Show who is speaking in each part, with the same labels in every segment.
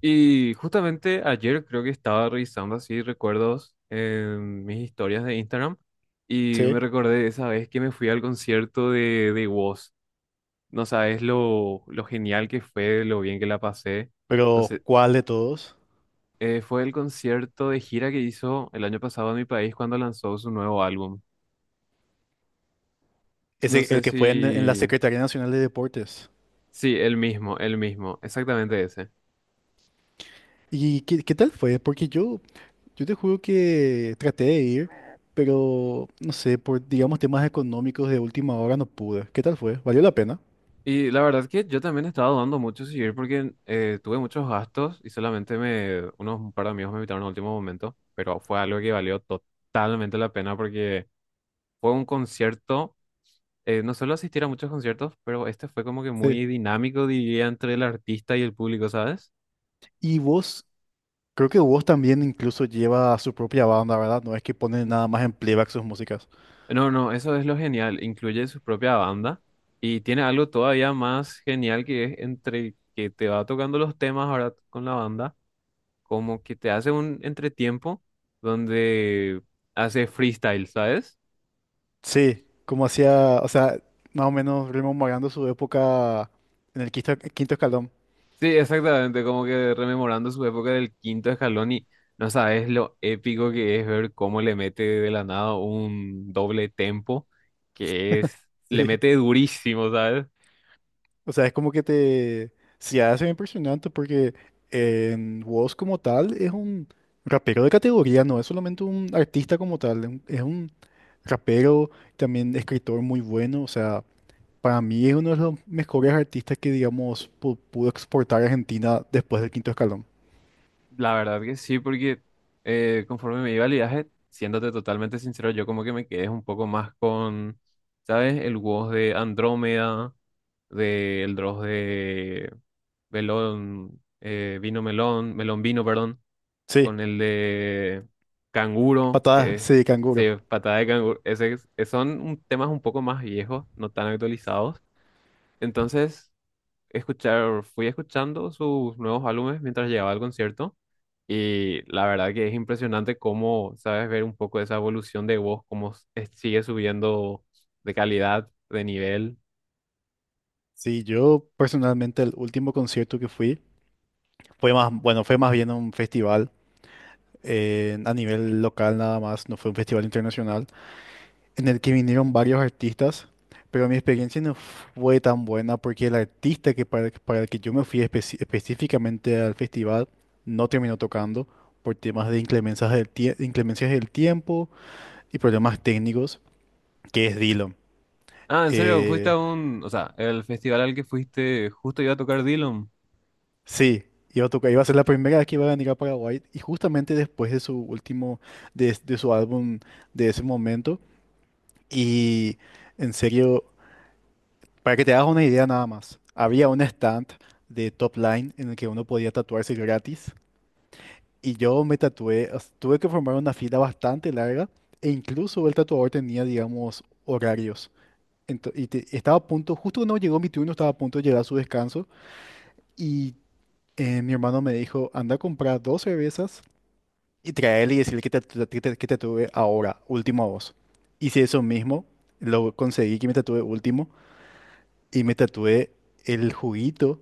Speaker 1: Y justamente ayer creo que estaba revisando así recuerdos en mis historias de Instagram y me
Speaker 2: Sí,
Speaker 1: recordé de esa vez que me fui al concierto de Woz. No sabes lo genial que fue, lo bien que la pasé. No
Speaker 2: pero
Speaker 1: sé,
Speaker 2: ¿cuál de todos?
Speaker 1: fue el concierto de gira que hizo el año pasado en mi país cuando lanzó su nuevo álbum.
Speaker 2: Es
Speaker 1: No
Speaker 2: el
Speaker 1: sé
Speaker 2: que fue en la
Speaker 1: si...
Speaker 2: Secretaría Nacional de Deportes.
Speaker 1: Sí, el mismo, exactamente ese.
Speaker 2: ¿Y qué tal fue? Porque yo te juro que traté de ir, pero no sé, por digamos temas económicos de última hora no pude. ¿Qué tal fue? ¿Valió la pena?
Speaker 1: Y la verdad que yo también estaba dudando mucho si ir porque tuve muchos gastos y solamente me, unos par de amigos me invitaron al último momento, pero fue algo que valió totalmente la pena porque fue un concierto, no suelo asistir a muchos conciertos, pero este fue como que
Speaker 2: Sí.
Speaker 1: muy dinámico, diría, entre el artista y el público, ¿sabes?
Speaker 2: Y vos, creo que vos también incluso lleva su propia banda, ¿verdad? No es que pone nada más en playback sus músicas.
Speaker 1: No, no, eso es lo genial, incluye su propia banda y tiene algo todavía más genial que es entre que te va tocando los temas ahora con la banda. Como que te hace un entretiempo donde hace freestyle, ¿sabes?
Speaker 2: Sí, como hacía, o sea, más o menos rememorando su época en el quinto escalón.
Speaker 1: Sí, exactamente, como que rememorando su época del quinto escalón y no sabes lo épico que es ver cómo le mete de la nada un doble tempo, que es, le
Speaker 2: Sí.
Speaker 1: mete durísimo, ¿sabes?
Speaker 2: O sea, es como que te... Se hace impresionante porque en Woz como tal es un rapero de categoría, no es solamente un artista como tal, es un rapero, también escritor muy bueno, o sea, para mí es uno de los mejores artistas que, digamos, pudo exportar a Argentina después del quinto escalón.
Speaker 1: La verdad que sí, porque conforme me iba el viaje, siéndote totalmente sincero, yo como que me quedé un poco más con, ¿sabes? El WoW de Andrómeda, del Dross de Melón, Vino Melón, Melón Vino, perdón,
Speaker 2: Sí,
Speaker 1: con el de Canguro, que
Speaker 2: patadas,
Speaker 1: es
Speaker 2: sí,
Speaker 1: sí,
Speaker 2: canguro.
Speaker 1: patada de canguro. Ese, son temas un poco más viejos, no tan actualizados. Entonces escuchar, fui escuchando sus nuevos álbumes mientras llegaba al concierto y la verdad que es impresionante cómo sabes ver un poco esa evolución de voz, cómo sigue subiendo de calidad, de nivel.
Speaker 2: Sí, yo personalmente el último concierto que fui fue más, bueno, fue más bien un festival, a nivel local nada más, no fue un festival internacional, en el que vinieron varios artistas, pero mi experiencia no fue tan buena porque el artista que para el que yo me fui específicamente al festival no terminó tocando por temas de inclemencias del tiempo y problemas técnicos, que es Dylan.
Speaker 1: Ah, en serio, fuiste
Speaker 2: Eh,
Speaker 1: a un, o sea, el festival al que fuiste justo iba a tocar Dylan.
Speaker 2: sí, iba a tocar, iba a ser la primera vez que iba a venir a Paraguay y justamente después de su último, de su álbum de ese momento y en serio... Para que te hagas una idea nada más, había un stand de top line en el que uno podía tatuarse gratis y yo me tatué, o sea, tuve que formar una fila bastante larga e incluso el tatuador tenía, digamos, horarios. Estaba a punto, justo cuando llegó mi turno, estaba a punto de llegar a su descanso y, mi hermano me dijo: anda a comprar dos cervezas y traerle y decirle que te, tatu- que te tatúe ahora, último a vos. Hice eso mismo, lo conseguí que me tatué último y me tatué el juguito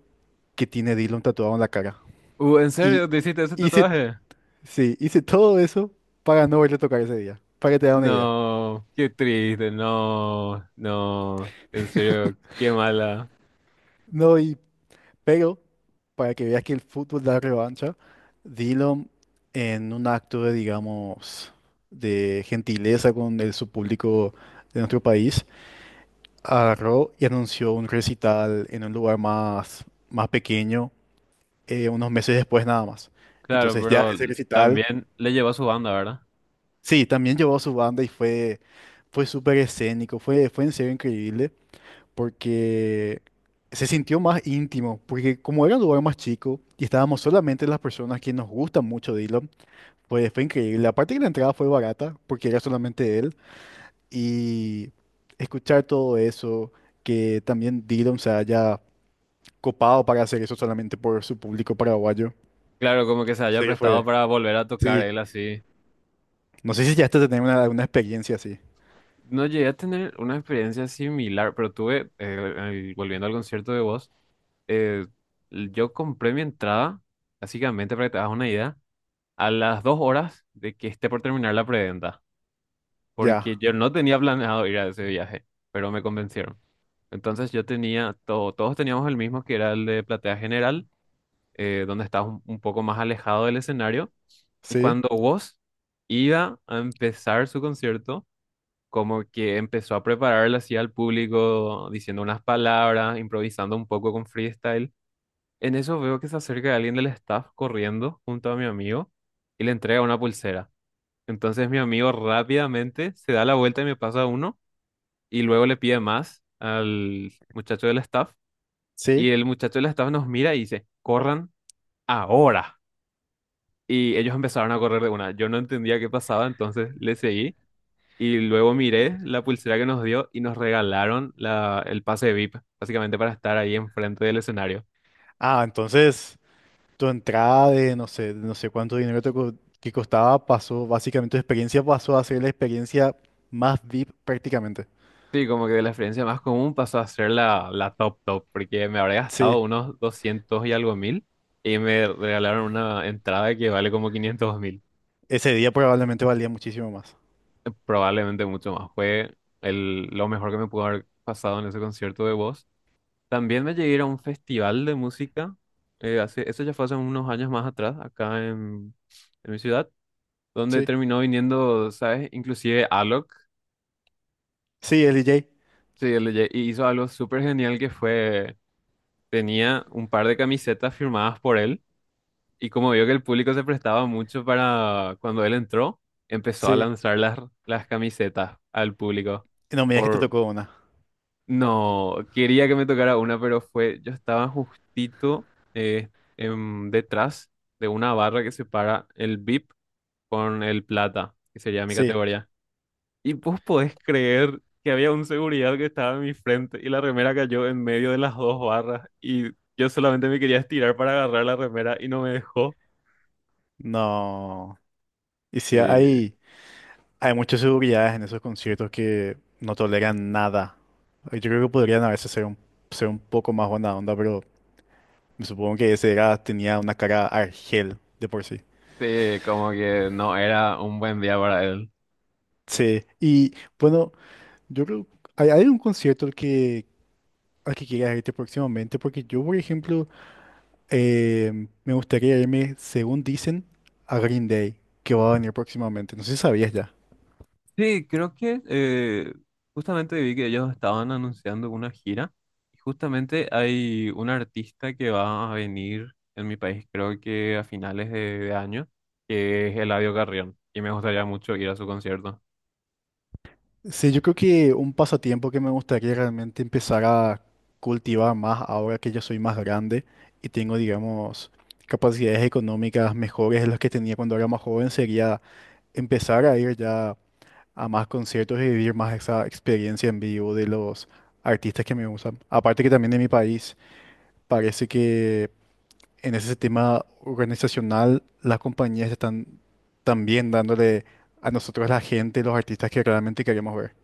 Speaker 2: que tiene Dylan tatuado en la cara.
Speaker 1: ¿En serio
Speaker 2: Y
Speaker 1: te hiciste ese
Speaker 2: hice,
Speaker 1: tatuaje?
Speaker 2: sí, hice todo eso para no verlo tocar ese día, para que te da una idea.
Speaker 1: No, qué triste, no, no, en serio, qué mala.
Speaker 2: No, y pero para que veas que el fútbol da revancha, Dylan, en un acto de, digamos, de gentileza con su público de nuestro país, agarró y anunció un recital en un lugar más pequeño, unos meses después nada más.
Speaker 1: Claro,
Speaker 2: Entonces ya
Speaker 1: pero
Speaker 2: ese recital,
Speaker 1: también le llevó a su banda, ¿verdad?
Speaker 2: sí, también llevó a su banda y fue súper escénico, fue en serio increíble, porque se sintió más íntimo, porque como era un lugar más chico y estábamos solamente las personas que nos gustan mucho Dylan, pues fue increíble. Aparte que la entrada fue barata, porque era solamente él, y escuchar todo eso, que también Dylan se haya copado para hacer eso solamente por su público paraguayo,
Speaker 1: Claro, como que se
Speaker 2: en
Speaker 1: haya
Speaker 2: serio
Speaker 1: prestado
Speaker 2: fue,
Speaker 1: para volver a tocar
Speaker 2: sí.
Speaker 1: él así.
Speaker 2: No sé si ya hasta tener una experiencia así.
Speaker 1: No llegué a tener una experiencia similar, pero tuve, volviendo al concierto de Voz, eh, yo compré mi entrada, básicamente para que te hagas una idea, a las dos horas de que esté por terminar la preventa, porque
Speaker 2: Ya,
Speaker 1: yo no tenía planeado ir a ese viaje, pero me convencieron. Entonces yo tenía, todo, todos teníamos el mismo, que era el de platea general, donde estabas un poco más alejado del escenario, y
Speaker 2: sí,
Speaker 1: cuando Voz iba a empezar su concierto, como que empezó a prepararla así al público, diciendo unas palabras, improvisando un poco con freestyle. En eso veo que se acerca alguien del staff corriendo junto a mi amigo y le entrega una pulsera. Entonces mi amigo rápidamente se da la vuelta y me pasa uno y luego le pide más al muchacho del staff
Speaker 2: sí.
Speaker 1: y el muchacho del staff nos mira y dice, corran ahora. Y ellos empezaron a correr de una. Yo no entendía qué pasaba, entonces le seguí. Y luego miré la pulsera que nos dio y nos regalaron la, el pase VIP, básicamente para estar ahí enfrente del escenario.
Speaker 2: Ah, entonces tu entrada de no sé cuánto dinero que costaba pasó, básicamente tu experiencia pasó a ser la experiencia más VIP prácticamente.
Speaker 1: Sí, como que de la experiencia más común pasó a ser la, la top top, porque me habré gastado
Speaker 2: Sí,
Speaker 1: unos 200 y algo mil y me regalaron una entrada que vale como 500 mil,
Speaker 2: ese día probablemente valía muchísimo más.
Speaker 1: probablemente mucho más. Fue el, lo mejor que me pudo haber pasado en ese concierto de voz. También me llegué a ir a un festival de música, hace, eso ya fue hace unos años más atrás, acá en mi ciudad donde
Speaker 2: Sí,
Speaker 1: terminó viniendo, ¿sabes? Inclusive Alok,
Speaker 2: sí, el DJ.
Speaker 1: sí, y hizo algo súper genial que fue, tenía un par de camisetas firmadas por él y como vio que el público se prestaba mucho para cuando él entró, empezó a
Speaker 2: Sí,
Speaker 1: lanzar las camisetas al público.
Speaker 2: no me digas que te
Speaker 1: Por,
Speaker 2: tocó una.
Speaker 1: no, quería que me tocara una, pero fue, yo estaba justito eh, detrás de una barra que separa el VIP con el plata, que sería mi
Speaker 2: Sí,
Speaker 1: categoría. Y vos podés creer que había un seguridad que estaba en mi frente y la remera cayó en medio de las dos barras y yo solamente me quería estirar para agarrar la remera y no me dejó.
Speaker 2: no. Y sí,
Speaker 1: Sí,
Speaker 2: hay muchas seguridades en esos conciertos que no toleran nada. Yo creo que podrían a veces ser un poco más buena onda, pero me supongo que ese era, tenía una cara argel de por sí.
Speaker 1: sí, como que no era un buen día para él.
Speaker 2: Sí, y bueno, yo creo, ¿hay un concierto al que quieras irte próximamente? Porque yo, por ejemplo, me gustaría irme, según dicen, a Green Day, que va a venir próximamente. No sé si sabías ya.
Speaker 1: Sí, creo que justamente vi que ellos estaban anunciando una gira y justamente hay un artista que va a venir en mi país, creo que a finales de año, que es Eladio Carrión y me gustaría mucho ir a su concierto.
Speaker 2: Sí, yo creo que un pasatiempo que me gustaría realmente empezar a cultivar más ahora que ya soy más grande y tengo, digamos, capacidades económicas mejores de las que tenía cuando era más joven sería empezar a ir ya a más conciertos y vivir más esa experiencia en vivo de los artistas que me gustan. Aparte que también en mi país parece que en ese tema organizacional las compañías están también dándole a nosotros, la gente, los artistas que realmente queremos ver.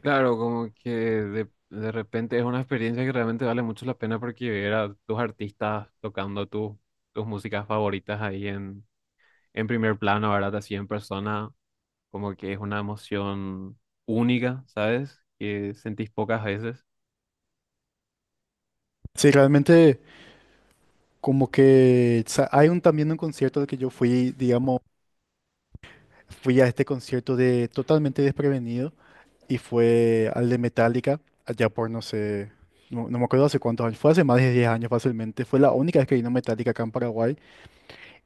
Speaker 1: Claro, como que de repente es una experiencia que realmente vale mucho la pena porque ver a tus artistas tocando tus músicas favoritas ahí en primer plano, ¿verdad? Así en persona, como que es una emoción única, ¿sabes? Que sentís pocas veces.
Speaker 2: Sí, realmente como que también un concierto al que yo fui, digamos, fui a este concierto de totalmente desprevenido y fue al de Metallica, allá por no sé, no, no me acuerdo hace cuántos años, fue hace más de 10 años fácilmente, fue la única vez que vino Metallica acá en Paraguay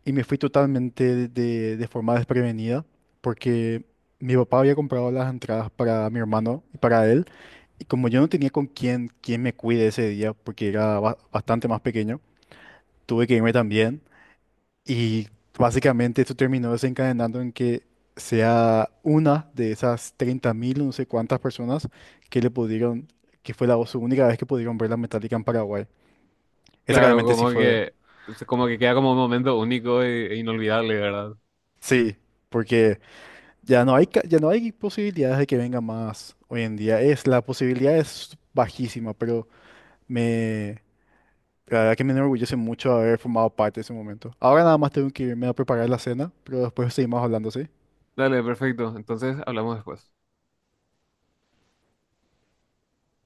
Speaker 2: y me fui totalmente de forma desprevenida porque mi papá había comprado las entradas para mi hermano y para él, y como yo no tenía con quién me cuide ese día porque era bastante más pequeño, tuve que irme también. Y básicamente esto terminó desencadenando en que sea una de esas 30.000 no sé cuántas personas que le pudieron, que fue la su única vez que pudieron ver la Metallica en Paraguay. Esa
Speaker 1: Claro,
Speaker 2: realmente sí
Speaker 1: como
Speaker 2: fue,
Speaker 1: que, es como que queda como un momento único e, e inolvidable, ¿verdad?
Speaker 2: sí, porque ya no hay posibilidades de que venga más hoy en día. Es, la posibilidad es bajísima, pero me, la verdad que me enorgullece mucho haber formado parte de ese momento. Ahora nada más tengo que irme a preparar la cena, pero después seguimos hablando, ¿sí?
Speaker 1: Dale, perfecto. Entonces hablamos después.